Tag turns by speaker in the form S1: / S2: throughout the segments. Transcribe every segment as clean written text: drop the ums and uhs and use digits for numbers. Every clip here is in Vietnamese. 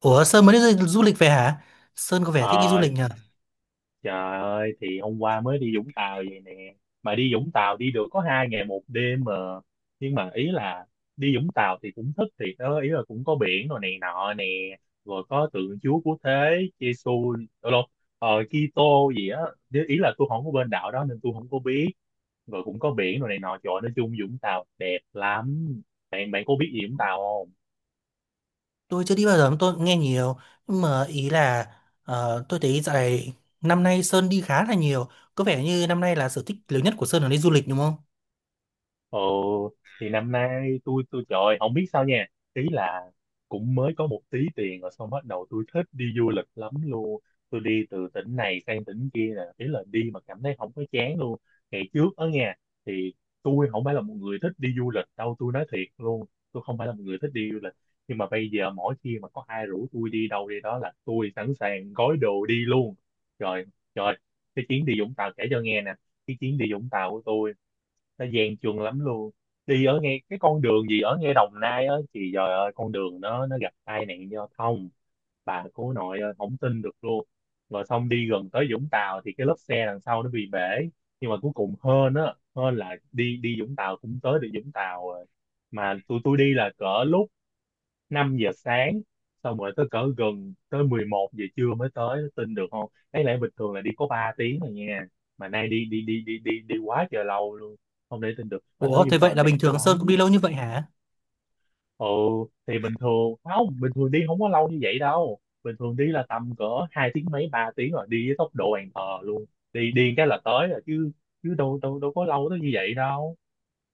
S1: Ủa, Sơn mới đi du du lịch về hả? Sơn có vẻ thích đi du
S2: Ờ,
S1: lịch nhỉ?
S2: trời ơi thì hôm qua mới đi Vũng Tàu vậy nè, mà đi Vũng Tàu đi được có 2 ngày 1 đêm mà, nhưng mà ý là đi Vũng Tàu thì cũng thích thiệt đó, ý là cũng có biển rồi này nọ nè, rồi có tượng Chúa Cứu Thế Giêsu đâu đâu Kitô gì á. Ý là tôi không có bên đạo đó nên tôi không có biết, rồi cũng có biển rồi này nọ. Trời ơi, nói chung Vũng Tàu đẹp lắm. Bạn bạn có biết gì Vũng Tàu không?
S1: Tôi chưa đi bao giờ, mà tôi cũng nghe nhiều. Nhưng mà ý là tôi thấy dạo này năm nay Sơn đi khá là nhiều. Có vẻ như năm nay là sở thích lớn nhất của Sơn là đi du lịch đúng không?
S2: Ồ, thì năm nay tôi trời ơi, không biết sao nha. Ý là cũng mới có một tí tiền rồi xong bắt đầu tôi thích đi du lịch lắm luôn. Tôi đi từ tỉnh này sang tỉnh kia nè, ý là đi mà cảm thấy không có chán luôn. Ngày trước ở nhà thì tôi không phải là một người thích đi du lịch đâu, tôi nói thiệt luôn. Tôi không phải là một người thích đi du lịch. Nhưng mà bây giờ mỗi khi mà có ai rủ tôi đi đâu đi đó là tôi sẵn sàng gói đồ đi luôn. Trời, trời, cái chuyến đi Vũng Tàu kể cho nghe nè. Cái chuyến đi Vũng Tàu của tôi nó gian truân lắm luôn, đi ở ngay cái con đường gì ở ngay Đồng Nai á thì trời ơi, con đường nó gặp tai nạn giao thông, bà cố nội ơi, không tin được luôn. Rồi xong đi gần tới Vũng Tàu thì cái lốp xe đằng sau nó bị bể, nhưng mà cuối cùng hên á hên là đi đi Vũng Tàu cũng tới được Vũng Tàu rồi. Mà tụi tôi đi là cỡ lúc 5 giờ sáng, xong rồi tới cỡ gần tới 11 giờ trưa mới tới, tin được không, đáng lẽ bình thường là đi có 3 tiếng rồi nha, mà nay đi đi đi đi đi đi quá trời lâu luôn, không để tin được. Mà
S1: Ủa,
S2: tới
S1: thế
S2: Vũng Tàu
S1: vậy là
S2: đẹp
S1: bình thường Sơn
S2: lắm.
S1: cũng đi lâu như vậy hả?
S2: Ừ, thì bình thường không, bình thường đi không có lâu như vậy đâu, bình thường đi là tầm cỡ 2 tiếng mấy 3 tiếng rồi, đi với tốc độ bàn thờ luôn, đi đi cái là tới rồi chứ, chứ đâu đâu đâu có lâu tới như vậy đâu.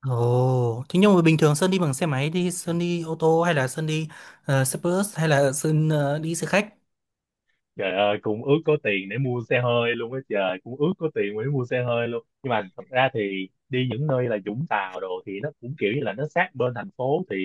S1: Ồ, thế nhưng mà bình thường Sơn đi bằng xe máy đi,
S2: Ừ.
S1: Sơn đi ô tô hay là Sơn đi xe bus hay là Sơn đi xe khách?
S2: Trời ơi, cũng ước có tiền để mua xe hơi luôn á, trời, cũng ước có tiền để mua xe hơi luôn. Nhưng mà thật ra thì đi những nơi là Vũng Tàu đồ thì nó cũng kiểu như là nó sát bên thành phố thì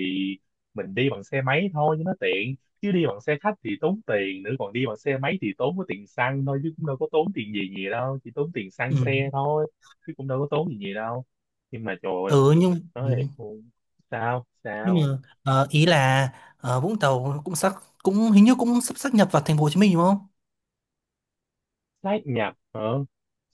S2: mình đi bằng xe máy thôi cho nó tiện. Chứ đi bằng xe khách thì tốn tiền nữa, còn đi bằng xe máy thì tốn có tiền xăng thôi, chứ cũng đâu có tốn tiền gì gì đâu, chỉ tốn tiền xăng
S1: Ừ,
S2: xe thôi, chứ cũng đâu có tốn gì gì đâu. Nhưng mà trời ơi,
S1: ừ nhưng ừ.
S2: nói thiệt luôn, sao
S1: Nhưng
S2: sao
S1: mà ý là Vũng Tàu cũng hình như cũng sắp sáp nhập vào thành phố Hồ Chí Minh đúng không?
S2: sát nhập hả?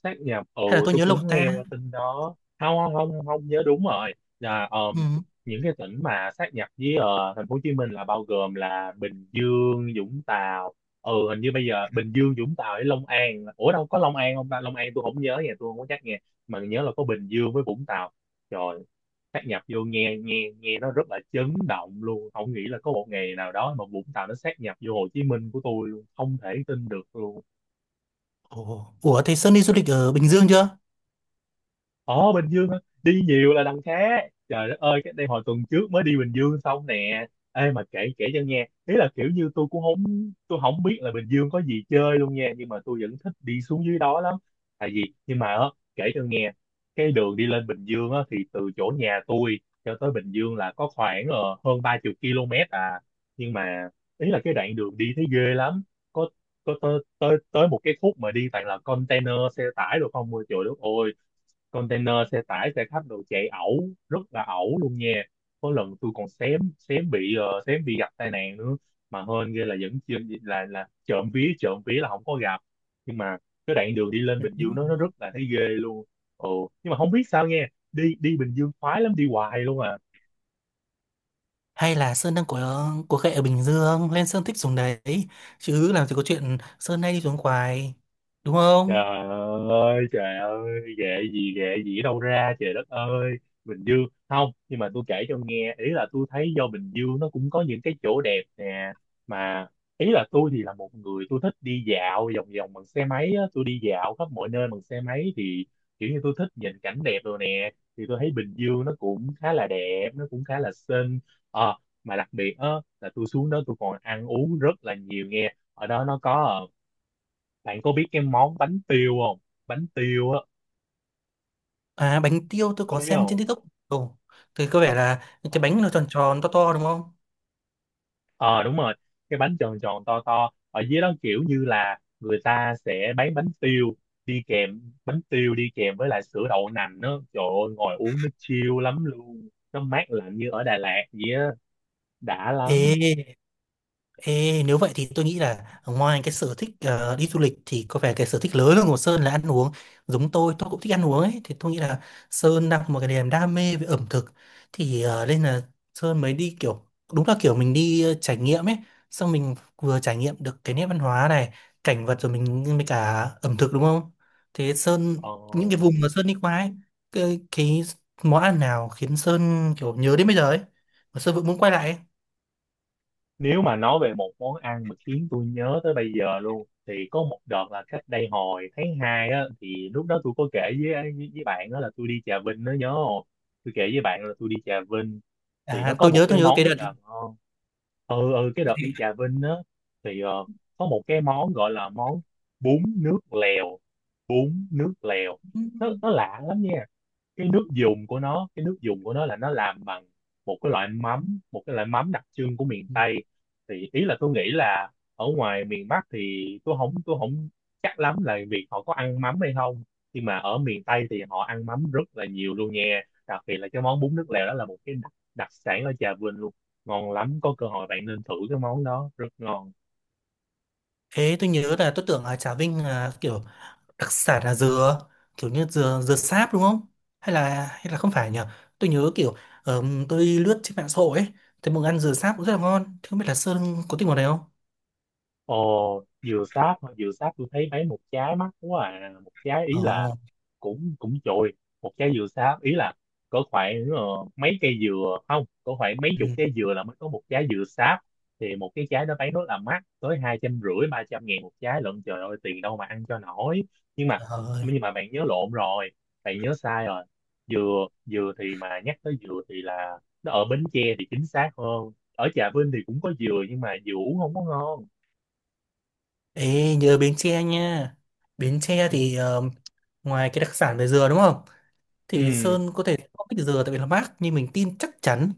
S2: Sát nhập, ừ.
S1: Hay là tôi
S2: Tôi
S1: nhớ
S2: cũng
S1: lộn ta?
S2: nghe qua tin đó, không không không không nhớ đúng rồi, là
S1: Ừ.
S2: những cái tỉnh mà sát nhập với thành phố Hồ Chí Minh là bao gồm là Bình Dương, Vũng Tàu, ừ hình như bây giờ Bình Dương, Vũng Tàu với Long An, ủa đâu có Long An không ta, Long An tôi không nhớ nha, tôi không có chắc nghe, mà nhớ là có Bình Dương với Vũng Tàu rồi sát nhập vô, nghe nghe nghe nó rất là chấn động luôn, không nghĩ là có một ngày nào đó mà Vũng Tàu nó sát nhập vô Hồ Chí Minh của tôi luôn, không thể tin được luôn.
S1: Ủa, Ủa, thì Sơn đi du lịch ở Bình Dương chưa,
S2: Ồ, Bình Dương hả? Đi nhiều là đằng khác. Trời đất ơi, cái đây hồi tuần trước mới đi Bình Dương xong nè. Ê, mà kể kể cho nghe, ý là kiểu như tôi cũng không, tôi không biết là Bình Dương có gì chơi luôn nha, nhưng mà tôi vẫn thích đi xuống dưới đó lắm. Tại vì, nhưng mà á, kể cho nghe, cái đường đi lên Bình Dương á thì từ chỗ nhà tôi cho tới Bình Dương là có khoảng hơn 30 km à. Nhưng mà ý là cái đoạn đường đi thấy ghê lắm. Có có tới tới tới một cái khúc mà đi toàn là container xe tải rồi không, ôi trời đất ơi, container xe tải xe khách đồ chạy ẩu, rất là ẩu luôn nha, có lần tôi còn xém xém bị ờ, xém bị gặp tai nạn nữa, mà hên ghê là vẫn chưa, là trộm vía là không có gặp, nhưng mà cái đoạn đường đi lên Bình Dương nó rất là thấy ghê luôn. Ồ, nhưng mà không biết sao, nghe đi đi Bình Dương khoái lắm, đi hoài luôn à.
S1: hay là Sơn đang có khệ ở Bình Dương lên Sơn thích xuống đấy? Chứ làm gì có chuyện Sơn hay đi xuống Khoái, đúng
S2: Trời
S1: không?
S2: trời ơi, ghệ gì ở đâu ra, trời đất ơi. Bình Dương không, nhưng mà tôi kể cho nghe, ý là tôi thấy do Bình Dương nó cũng có những cái chỗ đẹp nè, mà ý là tôi thì là một người tôi thích đi dạo vòng vòng bằng xe máy á, tôi đi dạo khắp mọi nơi bằng xe máy thì kiểu như tôi thích nhìn cảnh đẹp rồi nè, thì tôi thấy Bình Dương nó cũng khá là đẹp, nó cũng khá là xinh. Ờ, mà đặc biệt á là tôi xuống đó tôi còn ăn uống rất là nhiều nghe. Ở đó nó có bạn có biết cái món bánh tiêu không? Bánh tiêu á,
S1: À, bánh tiêu tôi
S2: có
S1: có
S2: biết
S1: xem
S2: không?
S1: trên TikTok. Ồ, thì có vẻ là những
S2: Ờ,
S1: cái bánh nó tròn tròn to to đúng không?
S2: ờ, đúng rồi, cái bánh tròn tròn to to. Ở dưới đó kiểu như là người ta sẽ bán bánh tiêu đi kèm, bánh tiêu đi kèm với lại sữa đậu nành đó. Trời ơi, ngồi uống nó chill lắm luôn. Nó mát lạnh như ở Đà Lạt vậy á, đã lắm.
S1: Ê Ê, nếu vậy thì tôi nghĩ là ngoài cái sở thích đi du lịch thì có vẻ cái sở thích lớn hơn của Sơn là ăn uống. Giống tôi cũng thích ăn uống ấy. Thì tôi nghĩ là Sơn đang có một cái niềm đam mê về ẩm thực. Thì nên là Sơn mới đi kiểu, đúng là kiểu mình đi trải nghiệm ấy. Xong mình vừa trải nghiệm được cái nét văn hóa này, cảnh vật rồi mình mới cả ẩm thực đúng không? Thế Sơn,
S2: Ờ,
S1: những cái vùng mà Sơn đi qua ấy, cái món ăn nào khiến Sơn kiểu nhớ đến bây giờ ấy? Mà Sơn vẫn muốn quay lại ấy.
S2: nếu mà nói về một món ăn mà khiến tôi nhớ tới bây giờ luôn thì có một đợt là cách đây hồi tháng 2 á, thì lúc đó tôi có kể với bạn đó là tôi đi Trà Vinh đó nhớ không? Tôi kể với bạn là tôi đi Trà Vinh thì nó
S1: À,
S2: có một cái
S1: tôi nhớ
S2: món
S1: cái
S2: rất
S1: đợt.
S2: là ngon. Ừ, ừ, cái đợt đi Trà Vinh á thì có một cái món gọi là món bún nước lèo, bún nước lèo.
S1: Ừ.
S2: Nó lạ lắm nha, cái nước dùng của nó, cái nước dùng của nó là nó làm bằng một cái loại mắm, một cái loại mắm đặc trưng của miền Tây, thì ý là tôi nghĩ là ở ngoài miền Bắc thì tôi không chắc lắm là việc họ có ăn mắm hay không, nhưng mà ở miền Tây thì họ ăn mắm rất là nhiều luôn nha, đặc biệt là cái món bún nước lèo đó là một cái đặc sản ở Trà Vinh luôn, ngon lắm, có cơ hội bạn nên thử cái món đó, rất ngon.
S1: Thế tôi nhớ là tôi tưởng ở Trà Vinh là kiểu đặc sản là dừa, kiểu như dừa dừa sáp đúng không? Hay là không phải nhỉ? Tôi nhớ kiểu tôi lướt trên mạng xã hội ấy, thấy mọi người ăn dừa sáp cũng rất là ngon. Thế không biết là Sơn có thích món này không?
S2: Ồ, dừa sáp hả? Dừa sáp tôi thấy mấy, một trái mắc quá à, một trái ý là
S1: Ồ,
S2: cũng cũng chồi, một trái dừa sáp ý là có khoảng mấy cây dừa không có khoảng mấy
S1: ừ,
S2: chục trái dừa là mới có một trái dừa sáp, thì một cái trái đó bán rất là mắc tới 250-300 ngàn một trái lận, trời ơi, tiền đâu mà ăn cho nổi. nhưng mà
S1: trời ơi.
S2: nhưng mà bạn nhớ lộn rồi, bạn nhớ sai rồi, dừa, dừa thì, mà nhắc tới dừa thì là nó ở Bến Tre thì chính xác hơn, ở Trà Vinh thì cũng có dừa nhưng mà dừa uống không có ngon.
S1: Ê, nhớ Bến Tre nha. Bến Tre
S2: Ừ.
S1: thì ngoài cái đặc sản về dừa đúng không? Thì
S2: Ừ.
S1: Sơn có thể không thích dừa tại vì nó mát, nhưng mình tin chắc chắn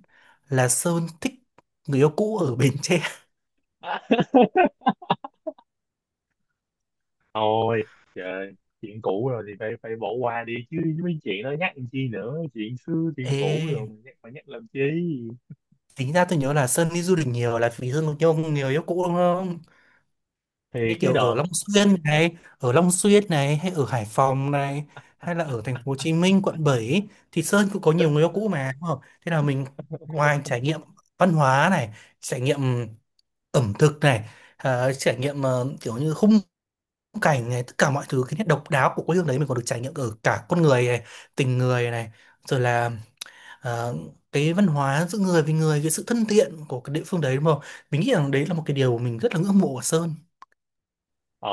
S1: là Sơn thích người yêu cũ ở Bến Tre.
S2: Thôi, trời, chuyện cũ rồi thì phải phải bỏ qua đi chứ, mấy chuyện đó nhắc làm chi nữa, chuyện xưa chuyện cũ rồi
S1: Ê.
S2: mà nhắc làm chi.
S1: Tính ra tôi nhớ là Sơn đi du lịch nhiều là vì Sơn có nhiều người yêu cũ đúng không?
S2: Thì
S1: Như
S2: cái
S1: kiểu ở
S2: đợt.
S1: Long Xuyên này, ở Long Xuyên này, hay ở Hải Phòng này, hay là ở thành phố Hồ Chí Minh, quận 7 ý, thì Sơn cũng có nhiều người yêu cũ mà đúng không? Thế là mình ngoài trải nghiệm văn hóa này, trải nghiệm ẩm thực này, à, trải nghiệm kiểu như khung cảnh này, tất cả mọi thứ cái nét độc đáo của quê hương đấy mình còn được trải nghiệm ở cả con người này, tình người này, rồi là ờ, cái văn hóa giữa người với người, cái sự thân thiện của cái địa phương đấy đúng không? Mình nghĩ rằng đấy là một cái điều mình rất là ngưỡng mộ ở Sơn.
S2: Ờ,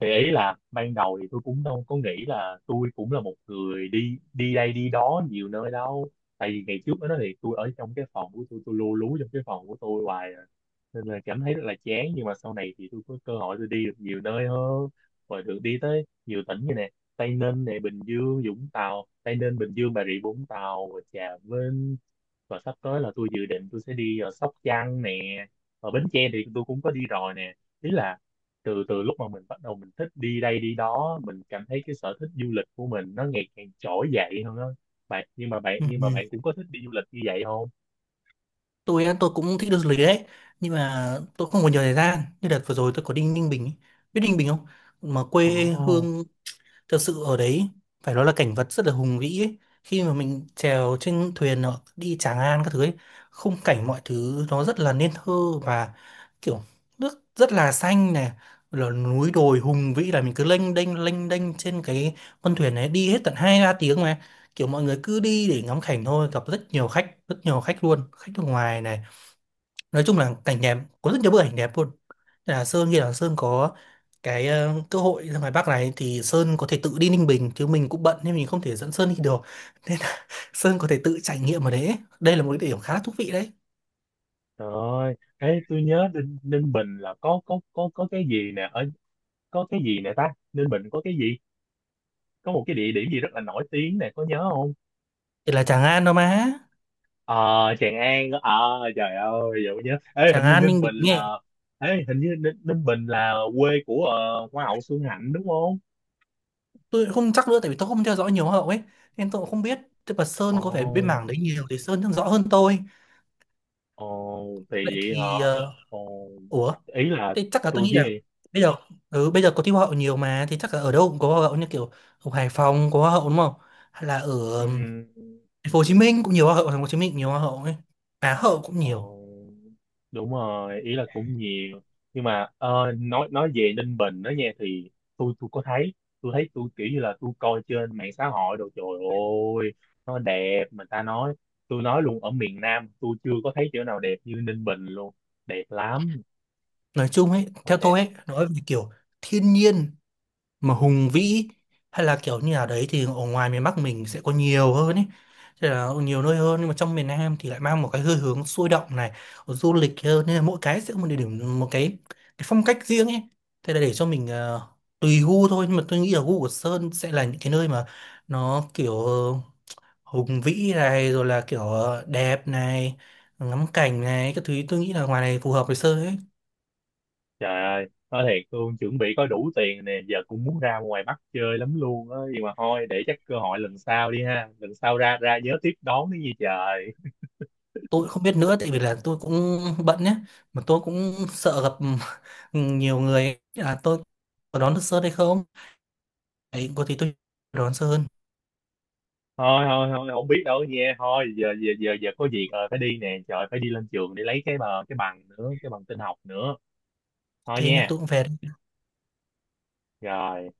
S2: thì ý là ban đầu thì tôi cũng đâu có nghĩ là tôi cũng là một người đi đi đây đi đó nhiều nơi đâu, tại vì ngày trước đó thì tôi ở trong cái phòng của tôi lu lú trong cái phòng của tôi hoài à, nên là cảm thấy rất là chán, nhưng mà sau này thì tôi có cơ hội tôi đi được nhiều nơi hơn, rồi được đi tới nhiều tỉnh như nè: Tây Ninh này, Bình Dương, Vũng Tàu, Tây Ninh, Bình Dương, Bà Rịa Vũng Tàu và Trà Vinh, và sắp tới là tôi dự định tôi sẽ đi ở Sóc Trăng nè, ở Bến Tre thì tôi cũng có đi rồi nè, ý là từ từ lúc mà mình bắt đầu mình thích đi đây đi đó mình cảm thấy cái sở thích du lịch của mình nó ngày càng trỗi dậy hơn đó bạn, nhưng mà bạn
S1: Ừ.
S2: nhưng mà
S1: Ừ.
S2: bạn cũng có thích đi du lịch như vậy không?
S1: Tôi á, tôi cũng thích đi du lịch đấy, nhưng mà tôi không có nhiều thời gian. Như đợt vừa rồi tôi có đi Ninh Bình ấy. Biết Ninh Bình không? Mà quê
S2: Ồ,
S1: hương thực sự ở đấy, phải nói là cảnh vật rất là hùng vĩ ấy. Khi mà mình trèo trên thuyền nó đi Tràng An các thứ ấy, khung cảnh mọi thứ nó rất là nên thơ, và kiểu nước rất là xanh này, là núi đồi hùng vĩ, là mình cứ lênh đênh trên cái con thuyền này đi hết tận hai ba tiếng mà kiểu mọi người cứ đi để ngắm cảnh thôi. Gặp rất nhiều khách, rất nhiều khách luôn, khách nước ngoài này. Nói chung là cảnh đẹp, có rất nhiều bức ảnh đẹp luôn. Nên là Sơn nghĩ là Sơn có cái cơ hội ra ngoài Bắc này thì Sơn có thể tự đi Ninh Bình, chứ mình cũng bận nên mình không thể dẫn Sơn đi được. Nên là Sơn có thể tự trải nghiệm ở đấy, đây là một cái điểm khá là thú vị đấy.
S2: trời ơi. Ê, tôi nhớ Ninh Bình là có cái gì nè, ở có cái gì nè ta? Ninh Bình có cái gì? Có một cái địa điểm gì rất là nổi tiếng nè, có nhớ không?
S1: Thì là Tràng An đâu mà.
S2: Ờ, Tràng An. Ờ, trời ơi, giờ mới nhớ. Ê, hình
S1: Tràng
S2: như
S1: An
S2: Ninh
S1: Ninh
S2: Bình
S1: Bình nghe.
S2: là. Ê, hình như Ninh Bình là quê của Hoa hậu Xuân Hạnh đúng không?
S1: Tôi không chắc nữa tại vì tôi không theo dõi nhiều hậu ấy, nên tôi cũng không biết. Tức là
S2: Ồ.
S1: Sơn có vẻ bên mảng đấy nhiều thì Sơn chắc rõ hơn tôi.
S2: Ồ, thì
S1: Vậy
S2: vậy hả?
S1: thì
S2: Ồ,
S1: ủa.
S2: ý là
S1: Thế chắc là tôi
S2: tôi
S1: nghĩ là
S2: với
S1: bây giờ, ừ, bây giờ có thi hoa hậu nhiều mà thì chắc là ở đâu cũng có hoa hậu, như kiểu ở Hải Phòng có hoa hậu đúng không? Hay là ở ừm,
S2: um,
S1: thành phố Hồ Chí Minh cũng nhiều hoa hậu, thành phố Hồ Chí Minh cũng nhiều hoa hậu ấy. Á hậu cũng nhiều.
S2: ồ, đúng rồi, ý là cũng nhiều. Nhưng mà nói về Ninh Bình đó nha thì tôi có thấy tôi kiểu như là tôi coi trên mạng xã hội đồ, trời ơi, nó đẹp mà ta nói, tôi nói luôn ở miền Nam tôi chưa có thấy chỗ nào đẹp như Ninh Bình luôn. Đẹp lắm,
S1: Nói chung ấy,
S2: quá
S1: theo
S2: đẹp.
S1: tôi ấy, nói về kiểu thiên nhiên mà hùng vĩ, hay là kiểu như là đấy, thì ở ngoài miền Bắc mình sẽ có nhiều hơn ấy, thế là nhiều nơi hơn. Nhưng mà trong miền Nam thì lại mang một cái hơi hướng sôi động này, du lịch hơn, nên là mỗi cái sẽ có một địa điểm, một cái phong cách riêng ấy. Thế là để cho mình tùy gu thôi, nhưng mà tôi nghĩ là gu của Sơn sẽ là những cái nơi mà nó kiểu hùng vĩ này rồi là kiểu đẹp này ngắm cảnh này các thứ. Tôi nghĩ là ngoài này phù hợp với Sơn ấy.
S2: Trời ơi, nói thiệt luôn, chuẩn bị có đủ tiền nè, giờ cũng muốn ra ngoài Bắc chơi lắm luôn á, nhưng mà thôi, để chắc cơ hội lần sau đi ha, lần sau ra ra nhớ tiếp đón đi gì trời.
S1: Tôi không biết nữa tại vì là tôi cũng bận nhé, mà tôi cũng sợ gặp nhiều người à, tôi có đón được sớm hay không ấy. Có thì tôi đón sớm hơn.
S2: Thôi, thôi, thôi, không biết đâu nha, thôi, giờ giờ giờ giờ có việc rồi, phải đi nè, trời, phải đi lên trường để lấy cái bờ, cái bằng nữa, cái bằng tin học nữa.
S1: OK
S2: Thôi
S1: nha,
S2: nha,
S1: tôi cũng về đây.
S2: rồi.